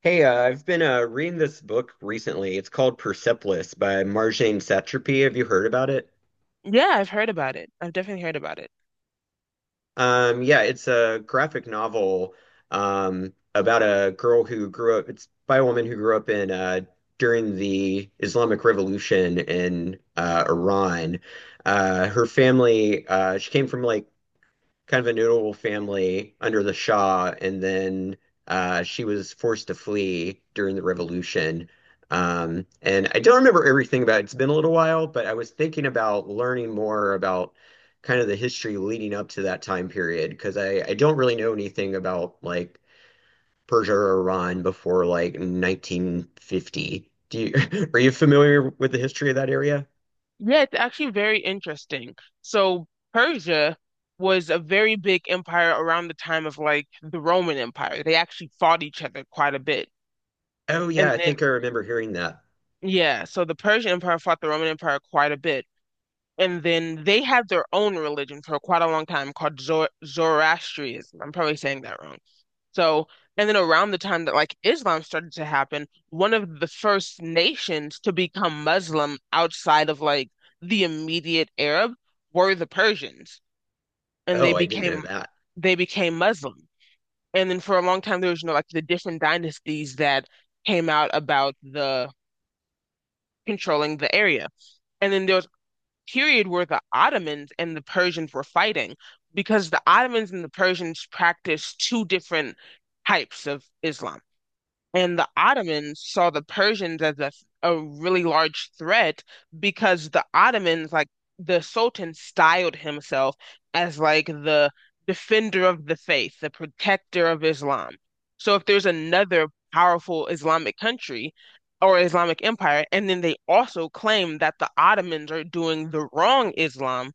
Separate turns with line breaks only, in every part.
Hey, I've been reading this book recently. It's called Persepolis by Marjane Satrapi. Have you heard about it?
Yeah, I've heard about it. I've definitely heard about it.
Yeah, it's a graphic novel about a girl who grew up. It's by a woman who grew up in during the Islamic Revolution in Iran. Her family, she came from like kind of a notable family under the Shah, and then she was forced to flee during the revolution. And I don't remember everything about it. It's been a little while, but I was thinking about learning more about kind of the history leading up to that time period because I don't really know anything about like Persia or Iran before like 1950. Are you familiar with the history of that area?
Yeah, it's actually very interesting. So Persia was a very big empire around the time of like the Roman Empire. They actually fought each other quite a bit.
Oh yeah,
And
I
then,
think I remember hearing that.
yeah, so the Persian Empire fought the Roman Empire quite a bit. And then they had their own religion for quite a long time called Zoroastrianism. I'm probably saying that wrong. So, and then around the time that like Islam started to happen, one of the first nations to become Muslim outside of like the immediate Arab were the Persians, and they
Oh, I didn't know
became
that.
they became Muslim. And then for a long time there was like the different dynasties that came out about the controlling the area. And then there was period where the Ottomans and the Persians were fighting because the Ottomans and the Persians practiced two different types of Islam. And the Ottomans saw the Persians as a really large threat because the Ottomans, like the Sultan, styled himself as like the defender of the faith, the protector of Islam. So if there's another powerful Islamic country or Islamic empire, and then they also claim that the Ottomans are doing the wrong Islam,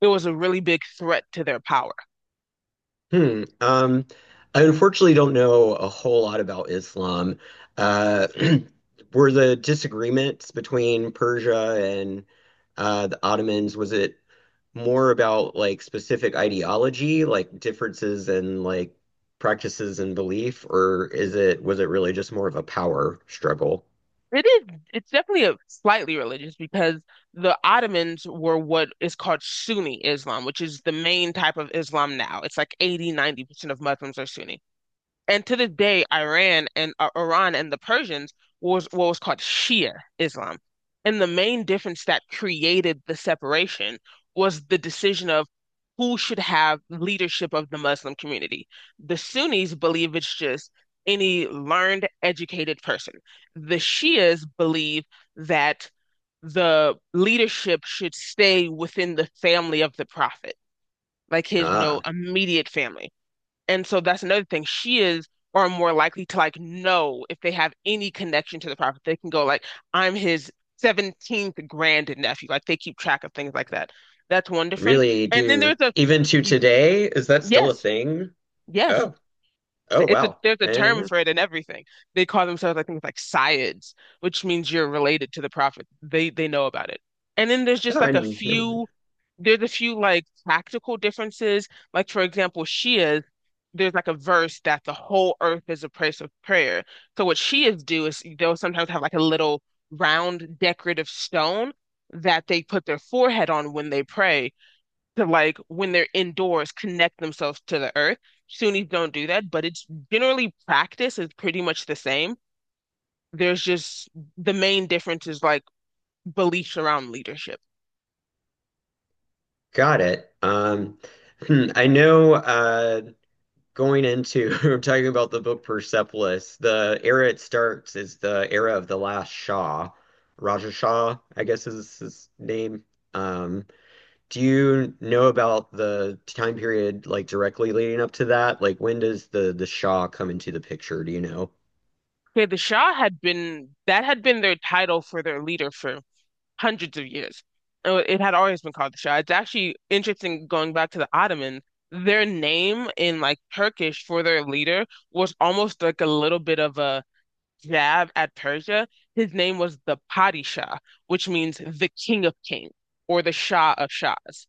it was a really big threat to their power.
Hmm. I unfortunately don't know a whole lot about Islam. Uh, were the disagreements between Persia and the Ottomans, was it more about like specific ideology, like differences in like practices and belief, or is it was it really just more of a power struggle?
It is. It's definitely a slightly religious because the Ottomans were what is called Sunni Islam, which is the main type of Islam now. It's like 80, 90% of Muslims are Sunni. And to this day, Iran and the Persians was what was called Shia Islam. And the main difference that created the separation was the decision of who should have leadership of the Muslim community. The Sunnis believe it's just any learned, educated person. The Shias believe that the leadership should stay within the family of the prophet, like his, you know,
Ah,
immediate family. And so that's another thing. She is are more likely to like know if they have any connection to the prophet. They can go like, I'm his 17th grandnephew. Like they keep track of things like that. That's one difference.
really
And then
do.
there's a,
Even to today, is that still a
yes,
thing?
yes.
Oh, oh
It's a
wow.
there's a term
Eh,
for it and everything. They call themselves, I think like Syids, which means you're related to the prophet. They know about it. And then there's just
oh, I
like a
never.
few there's a few like practical differences. Like for example, Shias, there's like a verse that the whole earth is a place of prayer. So what Shias do is they'll sometimes have like a little round decorative stone that they put their forehead on when they pray to like when they're indoors connect themselves to the earth. Sunnis don't do that, but it's generally, practice is pretty much the same. There's just the main difference is like beliefs around leadership.
Got it. Hmm, I know going into talking about the book Persepolis, the era it starts is the era of the last Shah. Raja Shah, I guess is his name. Um, do you know about the time period like directly leading up to that? Like when does the Shah come into the picture? Do you know?
Okay, the Shah had been their title for their leader for hundreds of years. It had always been called the Shah. It's actually interesting going back to the Ottoman. Their name in like Turkish for their leader was almost like a little bit of a jab at Persia. His name was the Padishah, which means the King of Kings or the Shah of Shahs.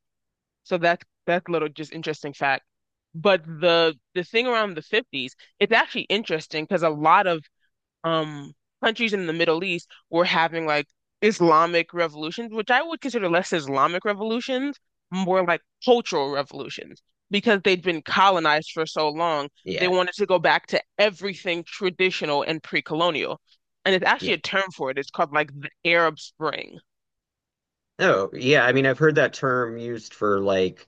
So that's little just interesting fact. But the thing around the 50s, it's actually interesting because a lot of um countries in the Middle East were having like Islamic revolutions, which I would consider less Islamic revolutions, more like cultural revolutions, because they'd been colonized for so long, they
Yeah,
wanted to go back to everything traditional and pre-colonial. And it's actually a
yeah.
term for it. It's called like the Arab Spring.
Oh, yeah. I mean, I've heard that term used for like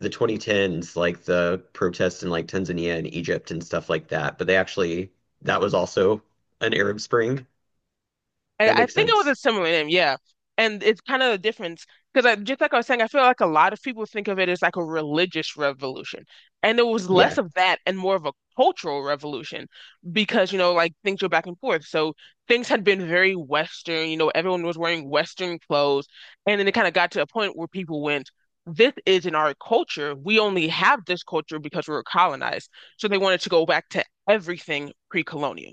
the 2010s, like the protests in like Tanzania and Egypt and stuff like that. But they actually, that was also an Arab Spring.
I,
That
I
makes
think it was
sense.
a similar name, yeah. And it's kind of the difference because just like I was saying, I feel like a lot of people think of it as like a religious revolution, and it was less
Yeah.
of that and more of a cultural revolution because like things were back and forth. So things had been very Western, everyone was wearing Western clothes, and then it kind of got to a point where people went. This isn't our culture. We only have this culture because we were colonized. So they wanted to go back to everything pre-colonial.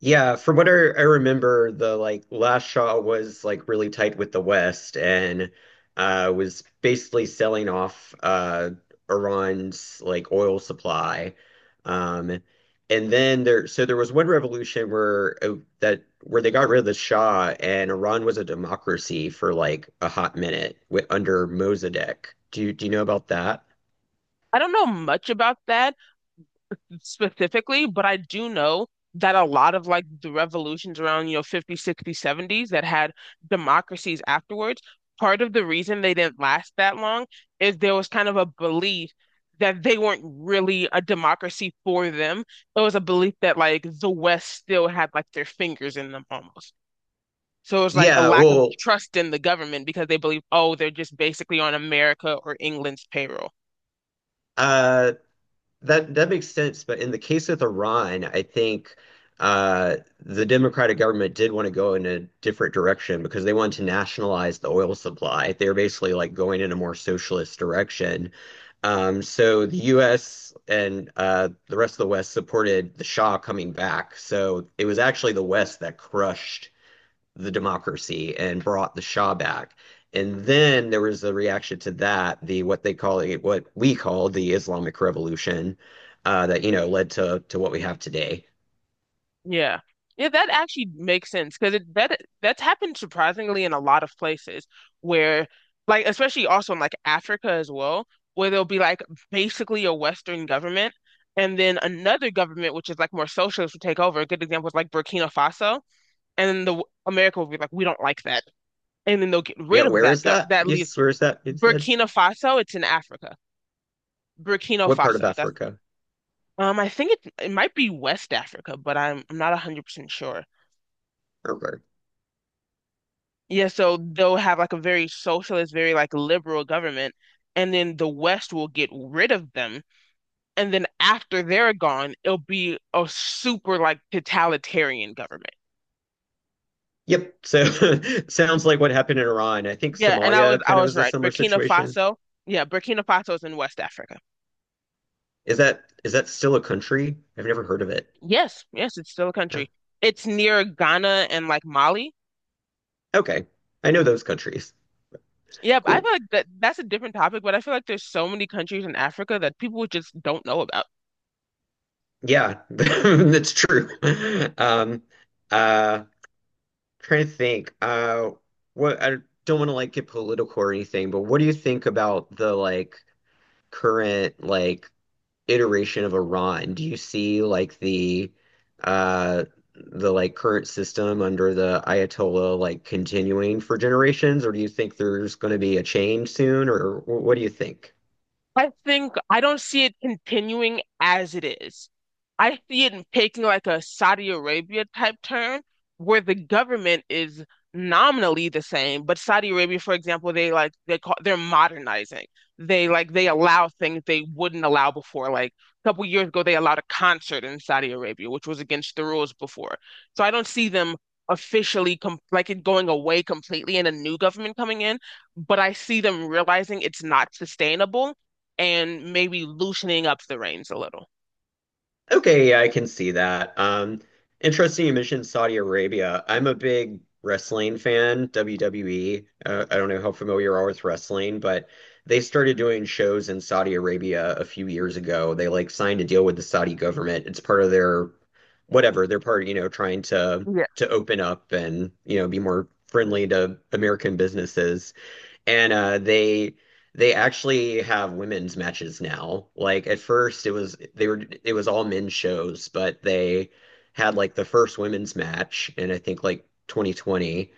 Yeah, from what I remember, the like last Shaw was like really tight with the West and was basically selling off Iran's like oil supply. Um and then there was one revolution where that where they got rid of the Shah and Iran was a democracy for like a hot minute with, under Mossadegh. Do you know about that?
I don't know much about that, specifically, but I do know that a lot of like the revolutions around, 50, 60, 70s that had democracies afterwards, part of the reason they didn't last that long is there was kind of a belief that they weren't really a democracy for them. It was a belief that like the West still had like their fingers in them almost. So it was like a
Yeah,
lack of
well,
trust in the government because they believed, oh, they're just basically on America or England's payroll.
uh that makes sense, but in the case with Iran, I think the democratic government did want to go in a different direction because they wanted to nationalize the oil supply. They were basically like going in a more socialist direction. So the U.S. and the rest of the West supported the Shah coming back. So it was actually the West that crushed the democracy and brought the Shah back. And then there was a reaction to that, the what they call it, what we call the Islamic Revolution, that you know led to what we have today.
Yeah. Yeah, that actually makes sense because it that that's happened surprisingly in a lot of places where like especially also in like Africa as well, where there'll be like basically a Western government and then another government which is like more socialist will take over. A good example is like Burkina Faso, and then the America will be like, we don't like that, and then they'll get
Yeah,
rid of
where
that
is
go-
that?
that lead.
Yes, where is that? You said
Burkina Faso, it's in Africa. Burkina
what part of
Faso. That's,
Africa?
I think it might be West Africa, but I'm not 100% sure.
Okay.
Yeah, so they'll have like a very socialist, very like liberal government, and then the West will get rid of them. And then after they're gone, it'll be a super like totalitarian government.
Yep. So sounds like what happened in Iran. I think
Yeah, and I was
Somalia
I
kind of
was
was a
right.
similar
Burkina
situation.
Faso, yeah, Burkina Faso is in West Africa.
Is that still a country? I've never heard of it.
Yes, yes, it's still a
No.
country. It's near Ghana and like Mali.
Okay. I know those countries.
Yeah, but I
Cool.
feel like that's a different topic, but I feel like there's so many countries in Africa that people just don't know about.
Yeah, that's true. Um, uh, trying to think. What I don't want to like get political or anything, but what do you think about the like current like iteration of Iran? Do you see like uh the like current system under the Ayatollah like continuing for generations, or do you think there's going to be a change soon, or what do you think?
I think I don't see it continuing as it is. I see it taking like a Saudi Arabia type turn where the government is nominally the same, but Saudi Arabia, for example, they're modernizing. They allow things they wouldn't allow before. Like a couple years ago, they allowed a concert in Saudi Arabia, which was against the rules before. So I don't see them officially com like it going away completely and a new government coming in, but I see them realizing it's not sustainable and maybe loosening up the reins a little.
Okay, yeah, I can see that. Interesting you mentioned Saudi Arabia. I'm a big wrestling fan, WWE. I don't know how familiar you are with wrestling, but they started doing shows in Saudi Arabia a few years ago. They like signed a deal with the Saudi government. It's part of their whatever, they're part, you know, trying
Yeah.
to open up and, you know, be more friendly to American businesses. And they actually have women's matches now. Like at first it was all men's shows, but they had like the first women's match in I think like 2020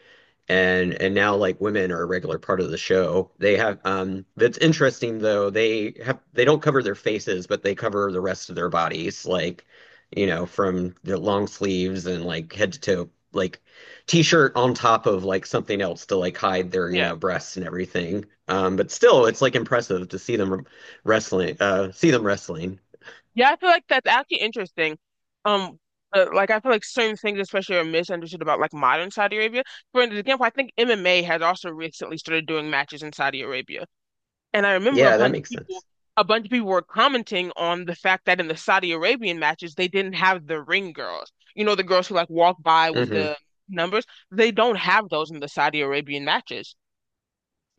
and now like women are a regular part of the show. They have that's interesting though. They have they don't cover their faces, but they cover the rest of their bodies, like you know, from the long sleeves and like head to toe, like t-shirt on top of like something else to like hide their, you
Yeah.
know, breasts and everything. But still, it's like impressive to see them see them wrestling.
Yeah, I feel like that's actually interesting. Um, like I feel like certain things, especially, are misunderstood about like modern Saudi Arabia. For an example, I think MMA has also recently started doing matches in Saudi Arabia, and I remember a
Yeah, that
bunch of
makes
people,
sense.
a bunch of people were commenting on the fact that in the Saudi Arabian matches, they didn't have the ring girls. The girls who like walk by with
Hmm.
the numbers. They don't have those in the Saudi Arabian matches.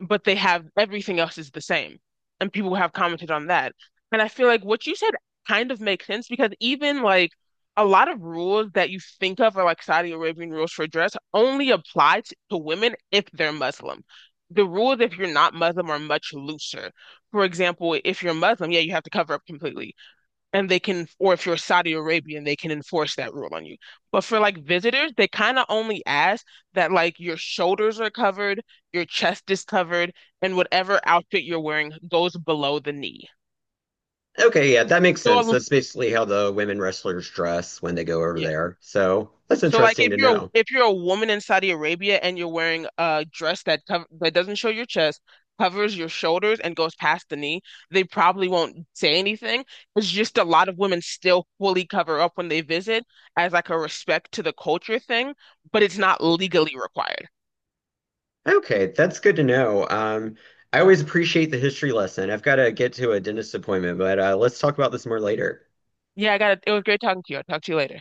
But they have everything else is the same. And people have commented on that. And I feel like what you said kind of makes sense because even like a lot of rules that you think of are like Saudi Arabian rules for dress only apply to women if they're Muslim. The rules if you're not Muslim are much looser. For example, if you're Muslim, yeah, you have to cover up completely and they can, or if you're Saudi Arabian, they can enforce that rule on you. But for like visitors, they kind of only ask that like your shoulders are covered, your chest is covered, and whatever outfit you're wearing goes below the knee.
Okay, yeah, that makes
So,
sense. That's basically how the women wrestlers dress when they go over
yeah.
there. So that's
So like
interesting
if
to
you're a,
know.
if you're a woman in Saudi Arabia and you're wearing a dress that doesn't show your chest, covers your shoulders and goes past the knee, they probably won't say anything. It's just a lot of women still fully cover up when they visit as like a respect to the culture thing, but it's not
Yeah.
legally required.
Okay, that's good to know. I always appreciate the history lesson. I've got to get to a dentist appointment, but let's talk about this more later.
Yeah, I got it. It was great talking to you. I'll talk to you later.